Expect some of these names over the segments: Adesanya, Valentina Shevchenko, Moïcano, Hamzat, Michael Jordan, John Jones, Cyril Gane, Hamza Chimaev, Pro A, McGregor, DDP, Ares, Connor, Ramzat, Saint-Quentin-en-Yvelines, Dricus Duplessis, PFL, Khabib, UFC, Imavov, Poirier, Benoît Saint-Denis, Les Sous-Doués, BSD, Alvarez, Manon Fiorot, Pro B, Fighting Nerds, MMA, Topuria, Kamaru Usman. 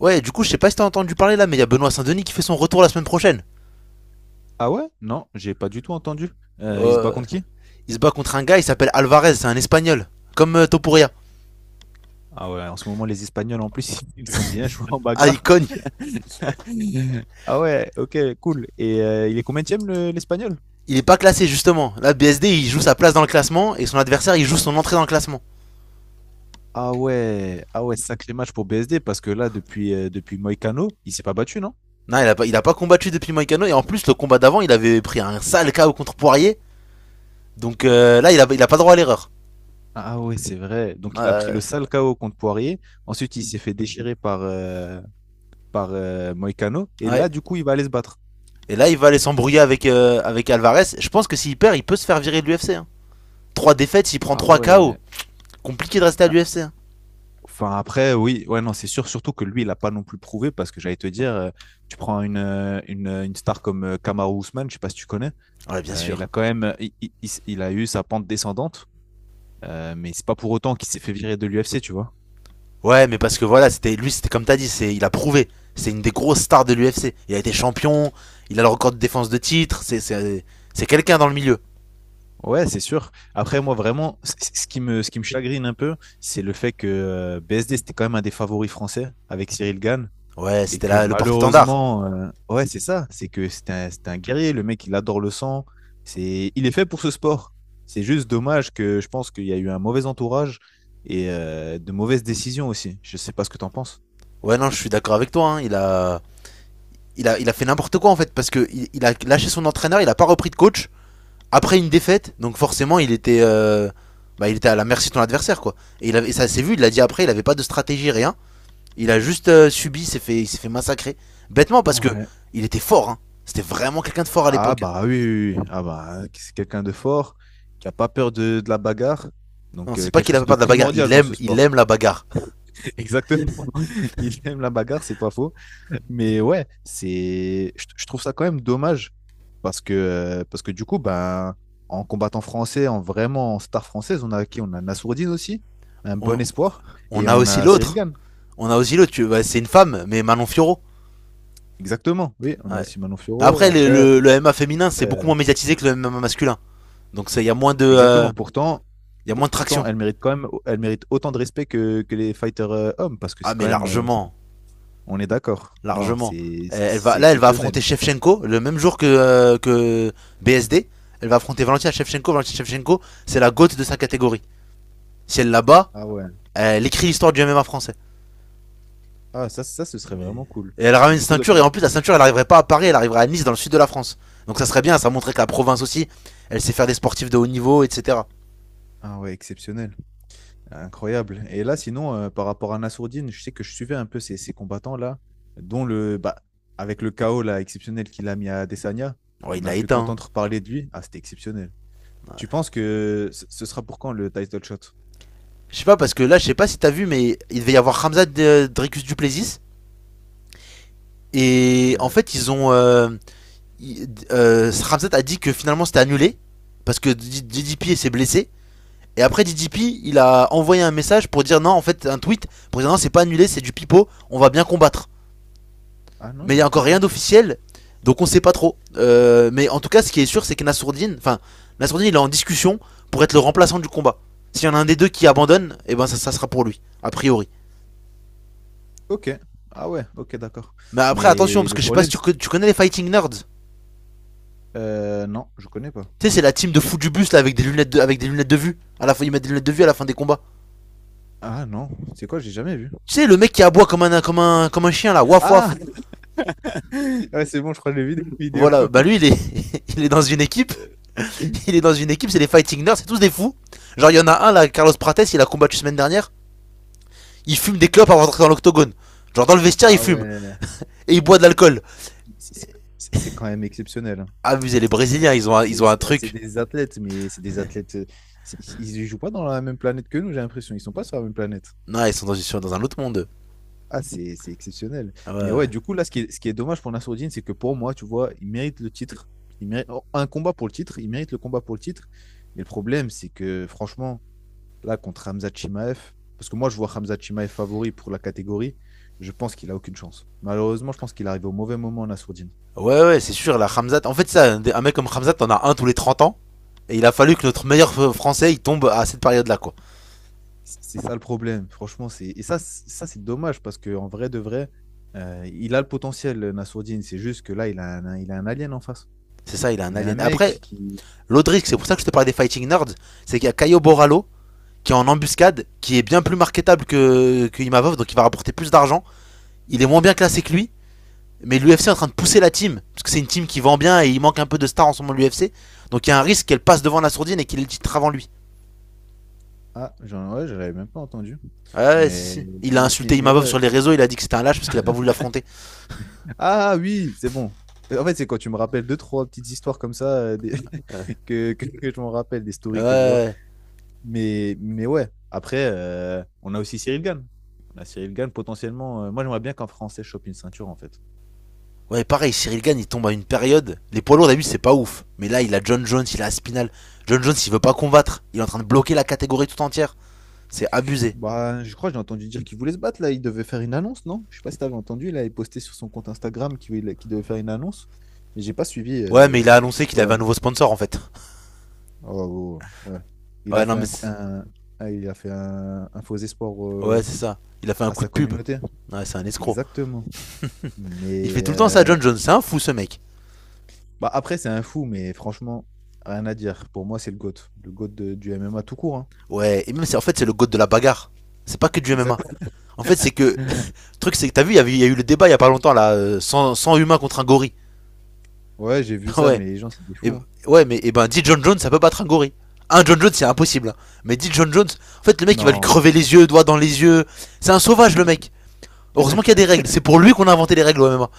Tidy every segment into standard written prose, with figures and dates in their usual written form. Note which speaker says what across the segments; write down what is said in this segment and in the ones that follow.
Speaker 1: Ouais, du coup, je sais pas si t'as entendu parler là, mais il y a Benoît Saint-Denis qui fait son retour la semaine prochaine.
Speaker 2: Ah ouais? Non, j'ai pas du tout entendu. Il se bat
Speaker 1: Euh,
Speaker 2: contre qui?
Speaker 1: il se bat contre un gars, il s'appelle Alvarez, c'est un espagnol. Comme Topuria.
Speaker 2: Ah ouais, en ce moment, les Espagnols, en plus, ils sont bien joués en
Speaker 1: Ah, il
Speaker 2: bagarre.
Speaker 1: cogne.
Speaker 2: Ah ouais, ok, cool. Et il est combien le l'Espagnol?
Speaker 1: Il est pas classé justement. Là, BSD, il joue sa place dans le classement et son adversaire, il joue son entrée dans le classement.
Speaker 2: Ah ouais, ah ouais, sacré match pour BSD, parce que là, depuis Moïcano, il s'est pas battu, non?
Speaker 1: Non, il a pas combattu depuis Moïcano et en plus, le combat d'avant, il avait pris un sale KO contre Poirier. Donc, là, il a pas droit à l'erreur.
Speaker 2: Ah ouais, c'est vrai. Donc, il a pris
Speaker 1: Euh,
Speaker 2: le sale KO contre Poirier. Ensuite, il s'est fait déchirer par Moïcano. Et
Speaker 1: ouais.
Speaker 2: là, du coup, il va aller se battre.
Speaker 1: Et là, il va aller s'embrouiller avec Alvarez. Je pense que s'il perd, il peut se faire virer de l'UFC. Hein. Trois défaites, il prend
Speaker 2: Ah
Speaker 1: 3 KO.
Speaker 2: ouais.
Speaker 1: Compliqué de rester à l'UFC. Hein.
Speaker 2: Enfin, après, oui, ouais, non, c'est sûr, surtout que lui, il n'a pas non plus prouvé parce que j'allais te dire, tu prends une star comme Kamaru Usman, je sais pas si tu connais,
Speaker 1: Ouais, bien
Speaker 2: il a
Speaker 1: sûr.
Speaker 2: quand même, il a eu sa pente descendante, mais c'est pas pour autant qu'il s'est fait virer de l'UFC, tu vois.
Speaker 1: Ouais, mais parce que voilà, c'était lui, c'était comme t'as dit, c'est il a prouvé. C'est une des grosses stars de l'UFC. Il a été champion, il a le record de défense de titre. C'est quelqu'un dans le milieu.
Speaker 2: Ouais, c'est sûr. Après, moi, vraiment, ce qui me chagrine un peu, c'est le fait que BSD, c'était quand même un des favoris français avec Cyril Gane.
Speaker 1: Ouais,
Speaker 2: Et
Speaker 1: c'était
Speaker 2: que
Speaker 1: là le porte-étendard.
Speaker 2: malheureusement, ouais, c'est ça, c'est que c'est un guerrier, le mec, il adore le sang, c'est, il est fait pour ce sport. C'est juste dommage que je pense qu'il y a eu un mauvais entourage et de mauvaises décisions aussi. Je sais pas ce que tu en penses.
Speaker 1: Ouais, non, je suis d'accord avec toi, hein. Il a fait n'importe quoi, en fait, parce que il a lâché son entraîneur, il a pas repris de coach après une défaite. Donc forcément, il était à la merci de ton adversaire, quoi. Et ça s'est vu, il l'a dit après, il avait pas de stratégie, rien. Il a juste subi, il s'est fait massacrer bêtement parce que
Speaker 2: Ouais.
Speaker 1: il était fort. Hein. C'était vraiment quelqu'un de fort à
Speaker 2: Ah
Speaker 1: l'époque.
Speaker 2: bah oui, oui, oui. Ah bah, c'est quelqu'un de fort, qui a pas peur de la bagarre.
Speaker 1: Non,
Speaker 2: Donc
Speaker 1: c'est pas
Speaker 2: quelque
Speaker 1: qu'il a
Speaker 2: chose
Speaker 1: pas
Speaker 2: de
Speaker 1: peur de la bagarre.
Speaker 2: primordial
Speaker 1: Il
Speaker 2: dans
Speaker 1: aime,
Speaker 2: ce
Speaker 1: il
Speaker 2: sport.
Speaker 1: aime la bagarre.
Speaker 2: Exactement. Il aime la bagarre, c'est pas faux. Mais ouais, c'est, je trouve ça quand même dommage parce que du coup, ben, en combattant français, en vraiment en star française, on a qui? On a Nassourdine aussi, un
Speaker 1: On,
Speaker 2: bon espoir,
Speaker 1: on
Speaker 2: et
Speaker 1: a
Speaker 2: on
Speaker 1: aussi
Speaker 2: a Cyril
Speaker 1: l'autre.
Speaker 2: Gane.
Speaker 1: On a aussi l'autre. Ouais, c'est une femme, mais Manon Fiorot.
Speaker 2: Exactement, oui, on a
Speaker 1: Ouais.
Speaker 2: aussi Manon Fiorot.
Speaker 1: Après, le,
Speaker 2: Après,
Speaker 1: le, le MMA féminin, c'est beaucoup
Speaker 2: euh,
Speaker 1: moins médiatisé que le MMA masculin. Donc, ça, il y a moins de,
Speaker 2: exactement. Pourtant,
Speaker 1: y a moins de
Speaker 2: pourtant,
Speaker 1: traction.
Speaker 2: elle mérite quand même, elle mérite autant de respect que les fighters hommes parce que
Speaker 1: Ah,
Speaker 2: c'est quand
Speaker 1: mais
Speaker 2: même,
Speaker 1: largement,
Speaker 2: on est d'accord. Non,
Speaker 1: largement.
Speaker 2: c'est, c'est
Speaker 1: Elle va,
Speaker 2: c'est
Speaker 1: là, elle va affronter
Speaker 2: exceptionnel.
Speaker 1: Shevchenko le même jour que BSD. Elle va affronter Valentina Shevchenko. Valentina Shevchenko, c'est la gote de sa catégorie. Si elle la bat,
Speaker 2: Ah ouais.
Speaker 1: elle écrit l'histoire du MMA français.
Speaker 2: Ah ça, ça, ce serait
Speaker 1: Mais...
Speaker 2: vraiment cool.
Speaker 1: Et elle
Speaker 2: Et
Speaker 1: ramène une
Speaker 2: du coup, toi,
Speaker 1: ceinture,
Speaker 2: tu
Speaker 1: et
Speaker 2: vois.
Speaker 1: en plus, la ceinture, elle arriverait pas à Paris, elle arriverait à Nice, dans le sud de la France. Donc ça serait bien, ça montrait que la province aussi, elle sait faire des sportifs de haut niveau, etc.
Speaker 2: Ah ouais, exceptionnel. Incroyable. Et là, sinon, par rapport à Nassourdine, je sais que je suivais un peu ces combattants-là, dont le, bah, avec le chaos là, exceptionnel qu'il a mis à Adesanya,
Speaker 1: Bon, il
Speaker 2: on a
Speaker 1: l'a
Speaker 2: pu
Speaker 1: éteint. Hein.
Speaker 2: qu'entendre parler de lui. Ah, c'était exceptionnel. Tu penses que ce sera pour quand le title shot?
Speaker 1: Je sais pas, parce que là, je sais pas si t'as vu, mais il devait y avoir Ramzat Dricus Duplessis. Et en
Speaker 2: Euh,
Speaker 1: fait, ils ont. Ramzat a dit que finalement c'était annulé. Parce que DDP s'est blessé. Et après DDP, il a envoyé un message pour dire non, en fait, un tweet. Pour dire non, c'est pas annulé, c'est du pipeau. On va bien combattre.
Speaker 2: ah non,
Speaker 1: Mais il y a
Speaker 2: j'avais pas
Speaker 1: encore rien
Speaker 2: vu.
Speaker 1: d'officiel, donc on sait pas trop. Mais en tout cas, ce qui est sûr, c'est que Nassourdine, enfin, Nassourdine, il est en discussion pour être le remplaçant du combat. S'il y en a un des deux qui abandonne, et eh ben ça sera pour lui, a priori.
Speaker 2: Ok. Ah ouais, ok, d'accord.
Speaker 1: Mais après, attention,
Speaker 2: Mais
Speaker 1: parce
Speaker 2: le
Speaker 1: que je sais pas si
Speaker 2: problème,
Speaker 1: tu,
Speaker 2: c'est...
Speaker 1: tu connais les Fighting Nerds.
Speaker 2: Non, je connais pas.
Speaker 1: Tu sais, c'est la team de fous du bus là avec des lunettes de vue. À la fin, ils mettent des lunettes de vue à la fin des combats.
Speaker 2: Ah non, c'est quoi? J'ai jamais vu.
Speaker 1: Tu sais, le mec qui aboie comme un chien là, waf
Speaker 2: Ah!
Speaker 1: waf.
Speaker 2: Ouais, c'est bon, je crois que j'ai vu des vidéos.
Speaker 1: Voilà, bah lui, il est, il est dans une équipe. Il est dans une équipe, c'est les Fighting Nerds, c'est tous des fous. Genre, il y en a un là, Carlos Prates, il a combattu semaine dernière. Il fume des clopes avant d'entrer dans l'octogone. Genre dans le vestiaire, il
Speaker 2: Ah
Speaker 1: fume.
Speaker 2: ouais,
Speaker 1: Et il boit de l'alcool.
Speaker 2: c'est c'est- c'est quand même exceptionnel. Hein.
Speaker 1: Amusez les Brésiliens, ils ont un, ils ont un
Speaker 2: Ah, c'est
Speaker 1: truc.
Speaker 2: des athlètes, mais c'est des athlètes. Ils ne jouent pas dans la même planète que nous, j'ai l'impression. Ils sont pas sur la même planète.
Speaker 1: Non, ils sont dans un autre monde.
Speaker 2: Ah, c'est exceptionnel.
Speaker 1: Ah ouais,
Speaker 2: Mais ouais,
Speaker 1: ouais.
Speaker 2: du coup, là, ce qui est dommage pour Nassourdine, c'est que pour moi, tu vois, il mérite le titre. Il mérite oh, un combat pour le titre. Il mérite le combat pour le titre. Mais le problème, c'est que franchement, là, contre Hamza Chimaev, parce que moi, je vois Hamza Chimaev favori pour la catégorie, je pense qu'il a aucune chance. Malheureusement, je pense qu'il arrive au mauvais moment, Nassourdine.
Speaker 1: Ouais, ouais, c'est sûr, la Hamzat. En fait, ça, un mec comme Hamzat, t'en as un tous les 30 ans. Et il a fallu que notre meilleur français, il tombe à cette période-là, quoi.
Speaker 2: C'est ça le problème, franchement. C'est... Et ça, ça c'est dommage parce qu'en vrai de vrai, il a le potentiel, Nassourdine. C'est juste que là, il a un alien en face.
Speaker 1: C'est ça, il est un
Speaker 2: Il a un
Speaker 1: alien.
Speaker 2: mec
Speaker 1: Après,
Speaker 2: qui.
Speaker 1: l'autre risque, c'est pour ça que je te parlais des Fighting Nerds, c'est qu'il y a Caio Borralho qui est en embuscade, qui est bien plus marketable que Imavov, donc il va rapporter plus d'argent. Il est moins bien classé que lui. Mais l'UFC est en train de pousser la team, parce que c'est une team qui vend bien et il manque un peu de stars en ce moment l'UFC. Donc il y a un risque qu'elle passe devant la sourdine et qu'il ait le titre avant lui.
Speaker 2: Ah, j'en ouais, j'avais même pas entendu.
Speaker 1: Ouais, ouais, si,
Speaker 2: Mais,
Speaker 1: si. Il a
Speaker 2: mais, mais,
Speaker 1: insulté
Speaker 2: mais
Speaker 1: Imavov
Speaker 2: ouais.
Speaker 1: sur les réseaux, il a dit que c'était un lâche parce qu'il a pas voulu l'affronter.
Speaker 2: Ah oui, c'est bon. En fait, c'est quand tu me rappelles deux, trois petites histoires comme ça que je m'en rappelle, des
Speaker 1: Ouais.
Speaker 2: stories que je vois.
Speaker 1: Ouais,
Speaker 2: Mais ouais, après, on a aussi Cyril Gann. On a Cyril Gann potentiellement. Moi, j'aimerais bien qu'un Français chope une ceinture, en fait.
Speaker 1: Ouais, pareil, Cyril Gane, il tombe à une période. Les poids lourds, d'habitude, c'est pas ouf. Mais là, il a John Jones, il a Aspinal. John Jones, il veut pas combattre. Il est en train de bloquer la catégorie tout entière. C'est abusé.
Speaker 2: Bah, je crois que j'ai entendu dire qu'il voulait se battre là. Il devait faire une annonce, non? Je sais pas si t'avais entendu. Là, il postait sur son compte Instagram qu'il devait faire une annonce. Mais j'ai pas suivi.
Speaker 1: Ouais, mais il a annoncé
Speaker 2: C'était
Speaker 1: qu'il
Speaker 2: quoi
Speaker 1: avait un
Speaker 2: l'annonce?
Speaker 1: nouveau sponsor, en fait.
Speaker 2: Oh, oh, oh, ouais. Il
Speaker 1: Ouais,
Speaker 2: a
Speaker 1: non,
Speaker 2: fait
Speaker 1: mais.
Speaker 2: ah, il a fait un faux espoir
Speaker 1: Ouais, c'est ça. Il a fait un
Speaker 2: à
Speaker 1: coup
Speaker 2: sa
Speaker 1: de pub.
Speaker 2: communauté.
Speaker 1: Ouais, c'est un escroc.
Speaker 2: Exactement.
Speaker 1: Il fait
Speaker 2: Mais
Speaker 1: tout le temps ça, John Jones. C'est un fou, ce mec.
Speaker 2: bah après, c'est un fou, mais franchement, rien à dire. Pour moi, c'est le GOAT. Le GOAT du MMA tout court. Hein.
Speaker 1: Ouais, et même c'est en fait c'est le god de la bagarre. C'est pas que du MMA.
Speaker 2: Exactement.
Speaker 1: En fait, c'est que le truc c'est que t'as vu, il y a eu le débat il y a pas longtemps là, 100 humains contre un gorille.
Speaker 2: Ouais, j'ai vu ça,
Speaker 1: ouais.
Speaker 2: mais les gens, c'est des
Speaker 1: Et,
Speaker 2: fous. Hein.
Speaker 1: ouais, mais et ben 10 John Jones, ça peut battre un gorille. Un John Jones, c'est impossible. Hein. Mais 10 John Jones, en fait le mec il va lui crever
Speaker 2: Non.
Speaker 1: les yeux, doigts dans les yeux. C'est un sauvage, le mec. Heureusement qu'il y a des règles, c'est pour lui qu'on a inventé les règles au MMA.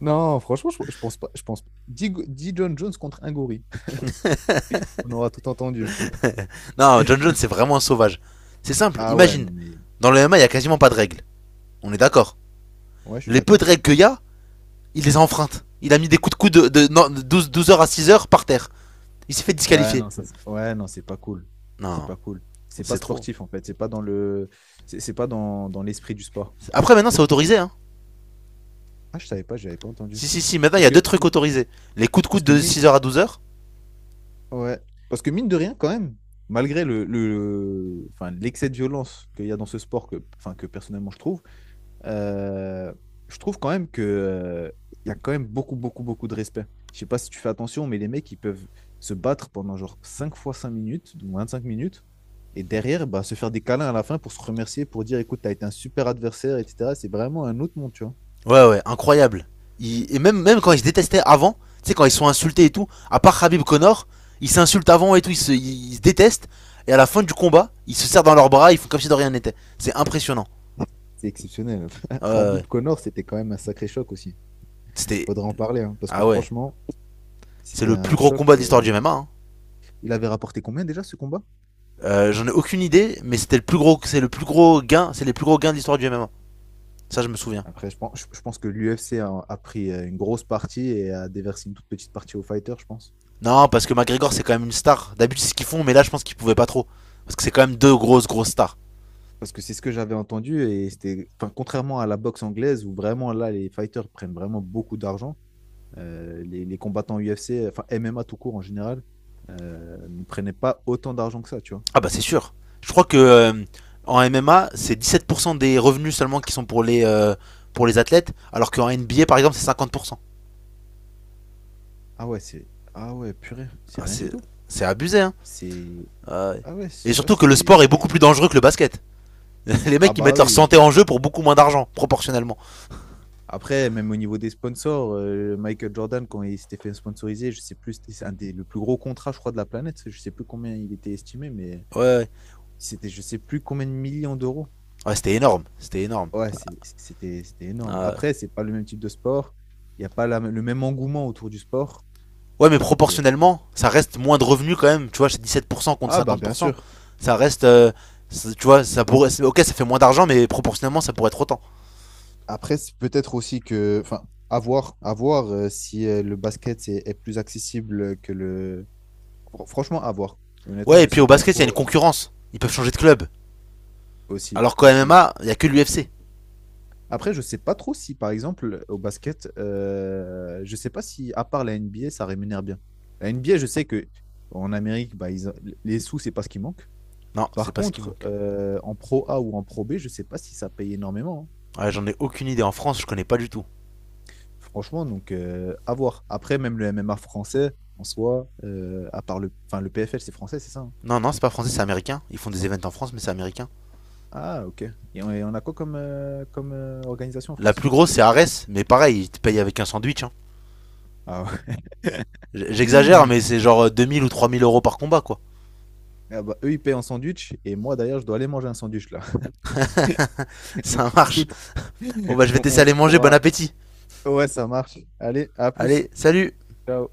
Speaker 2: Non, franchement, je pense pas. Je pense pas. Dis, dis John Jones contre un gorille. On aura tout entendu.
Speaker 1: Non, John Jones c'est vraiment un sauvage. C'est simple,
Speaker 2: Ah ouais,
Speaker 1: imagine.
Speaker 2: non, mais.
Speaker 1: Dans le MMA, il y a quasiment pas de règles. On est d'accord.
Speaker 2: Ouais, je suis
Speaker 1: Les peu de
Speaker 2: d'accord.
Speaker 1: règles qu'il y a, il les a enfreintes. Il a mis des coups de coude de 12 heures à 6 heures par terre. Il s'est fait
Speaker 2: Ouais,
Speaker 1: disqualifier.
Speaker 2: non, ça, ouais, non, c'est pas cool. C'est
Speaker 1: Non,
Speaker 2: pas cool. C'est pas
Speaker 1: c'est trop.
Speaker 2: sportif, en fait. C'est pas dans le. C'est pas dans l'esprit du sport.
Speaker 1: Après, maintenant, c'est autorisé. Hein.
Speaker 2: Ah, je savais pas, j'avais pas entendu.
Speaker 1: Si, si, si. Maintenant, il y
Speaker 2: Parce
Speaker 1: a
Speaker 2: que,
Speaker 1: deux trucs autorisés. Les coups de
Speaker 2: parce
Speaker 1: coude
Speaker 2: que
Speaker 1: de
Speaker 2: mine.
Speaker 1: 6 heures à 12 heures.
Speaker 2: Ouais. Parce que mine de rien, quand même, malgré enfin, l'excès de violence qu'il y a dans ce sport, que, enfin, que personnellement Euh, je trouve quand même que, il y a quand même beaucoup, beaucoup, beaucoup de respect. Je sais pas si tu fais attention, mais les mecs, ils peuvent se battre pendant genre 5 fois 5 minutes, donc 25 minutes, et derrière, bah, se faire des câlins à la fin pour se remercier, pour dire, écoute, tu as été un super adversaire, etc. C'est vraiment un autre monde, tu vois.
Speaker 1: Ouais, ouais, incroyable. Et même, quand ils se détestaient avant, tu sais, quand ils sont insultés et tout, à part Khabib Connor, ils s'insultent avant et tout, ils se détestent. Et à la fin du combat, ils se serrent dans leurs bras, ils font comme si de rien n'était. C'est impressionnant.
Speaker 2: C'est exceptionnel.
Speaker 1: Ah ouais, ouais.
Speaker 2: Khabib Connor, c'était quand même un sacré choc aussi.
Speaker 1: C'était.
Speaker 2: Faudra en parler, hein, parce que
Speaker 1: Ah ouais.
Speaker 2: franchement,
Speaker 1: C'est
Speaker 2: c'était
Speaker 1: le plus
Speaker 2: un
Speaker 1: gros
Speaker 2: choc.
Speaker 1: combat de l'histoire du MMA. Hein.
Speaker 2: Il avait rapporté combien déjà ce combat?
Speaker 1: J'en ai aucune idée, mais c'était le plus gros, c'est le plus gros gain, c'est les plus gros gains de l'histoire du MMA. Ça, je me souviens.
Speaker 2: Après, je pense que l'UFC a pris une grosse partie et a déversé une toute petite partie aux fighters, je pense.
Speaker 1: Non, parce que McGregor, c'est quand même une star. D'habitude, c'est ce qu'ils font, mais là, je pense qu'ils pouvaient pas trop. Parce que c'est quand même deux grosses, grosses stars.
Speaker 2: Parce que c'est ce que j'avais entendu et c'était, enfin, contrairement à la boxe anglaise où vraiment là, les fighters prennent vraiment beaucoup d'argent, les combattants UFC, enfin MMA tout court en général, ne prenaient pas autant d'argent que ça, tu vois.
Speaker 1: Ah bah, c'est sûr. Je crois que en MMA, c'est 17% des revenus seulement qui sont pour les athlètes, alors qu'en NBA, par exemple, c'est 50%.
Speaker 2: Ah ouais, c'est, ah ouais, purée, c'est
Speaker 1: Ah,
Speaker 2: rien du
Speaker 1: c'est
Speaker 2: tout.
Speaker 1: c'est abusé, hein.
Speaker 2: C'est,
Speaker 1: Euh,
Speaker 2: ah ouais,
Speaker 1: et
Speaker 2: tu vois,
Speaker 1: surtout que le
Speaker 2: c'est,
Speaker 1: sport est
Speaker 2: c'est...
Speaker 1: beaucoup plus dangereux que le basket. Les
Speaker 2: Ah
Speaker 1: mecs, ils
Speaker 2: bah
Speaker 1: mettent leur
Speaker 2: oui.
Speaker 1: santé en jeu pour beaucoup moins d'argent, proportionnellement.
Speaker 2: Après, même au niveau des sponsors, Michael Jordan, quand il s'était fait sponsoriser, je sais plus, c'est un des le plus gros contrat, je crois, de la planète. Je sais plus combien il était estimé, mais
Speaker 1: Ouais, ouais.
Speaker 2: c'était je sais plus combien de millions d'euros.
Speaker 1: Ouais, c'était énorme, c'était énorme.
Speaker 2: Ouais, c'était énorme.
Speaker 1: Euh,
Speaker 2: Après, c'est pas le même type de sport. Il n'y a pas le même engouement autour du sport.
Speaker 1: Ouais, mais
Speaker 2: Donc,
Speaker 1: proportionnellement, ça reste moins de revenus quand même. Tu vois, c'est 17% contre
Speaker 2: ah bah bien
Speaker 1: 50%.
Speaker 2: sûr.
Speaker 1: Ça reste. Tu vois, ça pourrait. Ok, ça fait moins d'argent, mais proportionnellement, ça pourrait être autant.
Speaker 2: Après, c'est peut-être aussi que, enfin, à voir si le basket est plus accessible que franchement, à voir. Honnêtement,
Speaker 1: Ouais, et
Speaker 2: je
Speaker 1: puis
Speaker 2: sais
Speaker 1: au
Speaker 2: pas
Speaker 1: basket, il y a une
Speaker 2: trop
Speaker 1: concurrence. Ils peuvent changer de club.
Speaker 2: aussi,
Speaker 1: Alors qu'au
Speaker 2: aussi.
Speaker 1: MMA, il y a que l'UFC.
Speaker 2: Après, je sais pas trop si, par exemple, au basket, je sais pas si, à part la NBA, ça rémunère bien. La NBA, je sais que en Amérique, bah, les sous, c'est pas ce qui manque.
Speaker 1: Non, c'est
Speaker 2: Par
Speaker 1: pas ce qui
Speaker 2: contre,
Speaker 1: manque.
Speaker 2: en Pro A ou en Pro B, je sais pas si ça paye énormément. Hein.
Speaker 1: Ouais, j'en ai aucune idée. En France, je connais pas du tout.
Speaker 2: Franchement, donc, à voir. Après, même le MMA français, en soi, à part le, enfin, le PFL, c'est français, c'est ça? Hein.
Speaker 1: Non, non, c'est pas français, c'est américain. Ils font
Speaker 2: C'est
Speaker 1: des
Speaker 2: pas-
Speaker 1: events en France, mais c'est américain.
Speaker 2: Ah, ok. Et on a quoi comme, organisation en
Speaker 1: La
Speaker 2: France?
Speaker 1: plus grosse, c'est Ares, mais pareil, ils te payent avec un sandwich. Hein.
Speaker 2: Ah, ouais.
Speaker 1: J'exagère, mais c'est genre 2000 ou 3000 € par combat, quoi.
Speaker 2: Ah bah, eux, ils payent en sandwich et moi, d'ailleurs, je dois aller manger un sandwich là.
Speaker 1: Ça
Speaker 2: Donc,
Speaker 1: marche.
Speaker 2: écoute,
Speaker 1: Bon, bah, je vais
Speaker 2: on,
Speaker 1: tester
Speaker 2: on
Speaker 1: aller
Speaker 2: on
Speaker 1: manger, bon
Speaker 2: pourra.
Speaker 1: appétit.
Speaker 2: Ouais, ça marche. Allez, à plus.
Speaker 1: Allez, salut
Speaker 2: Ciao.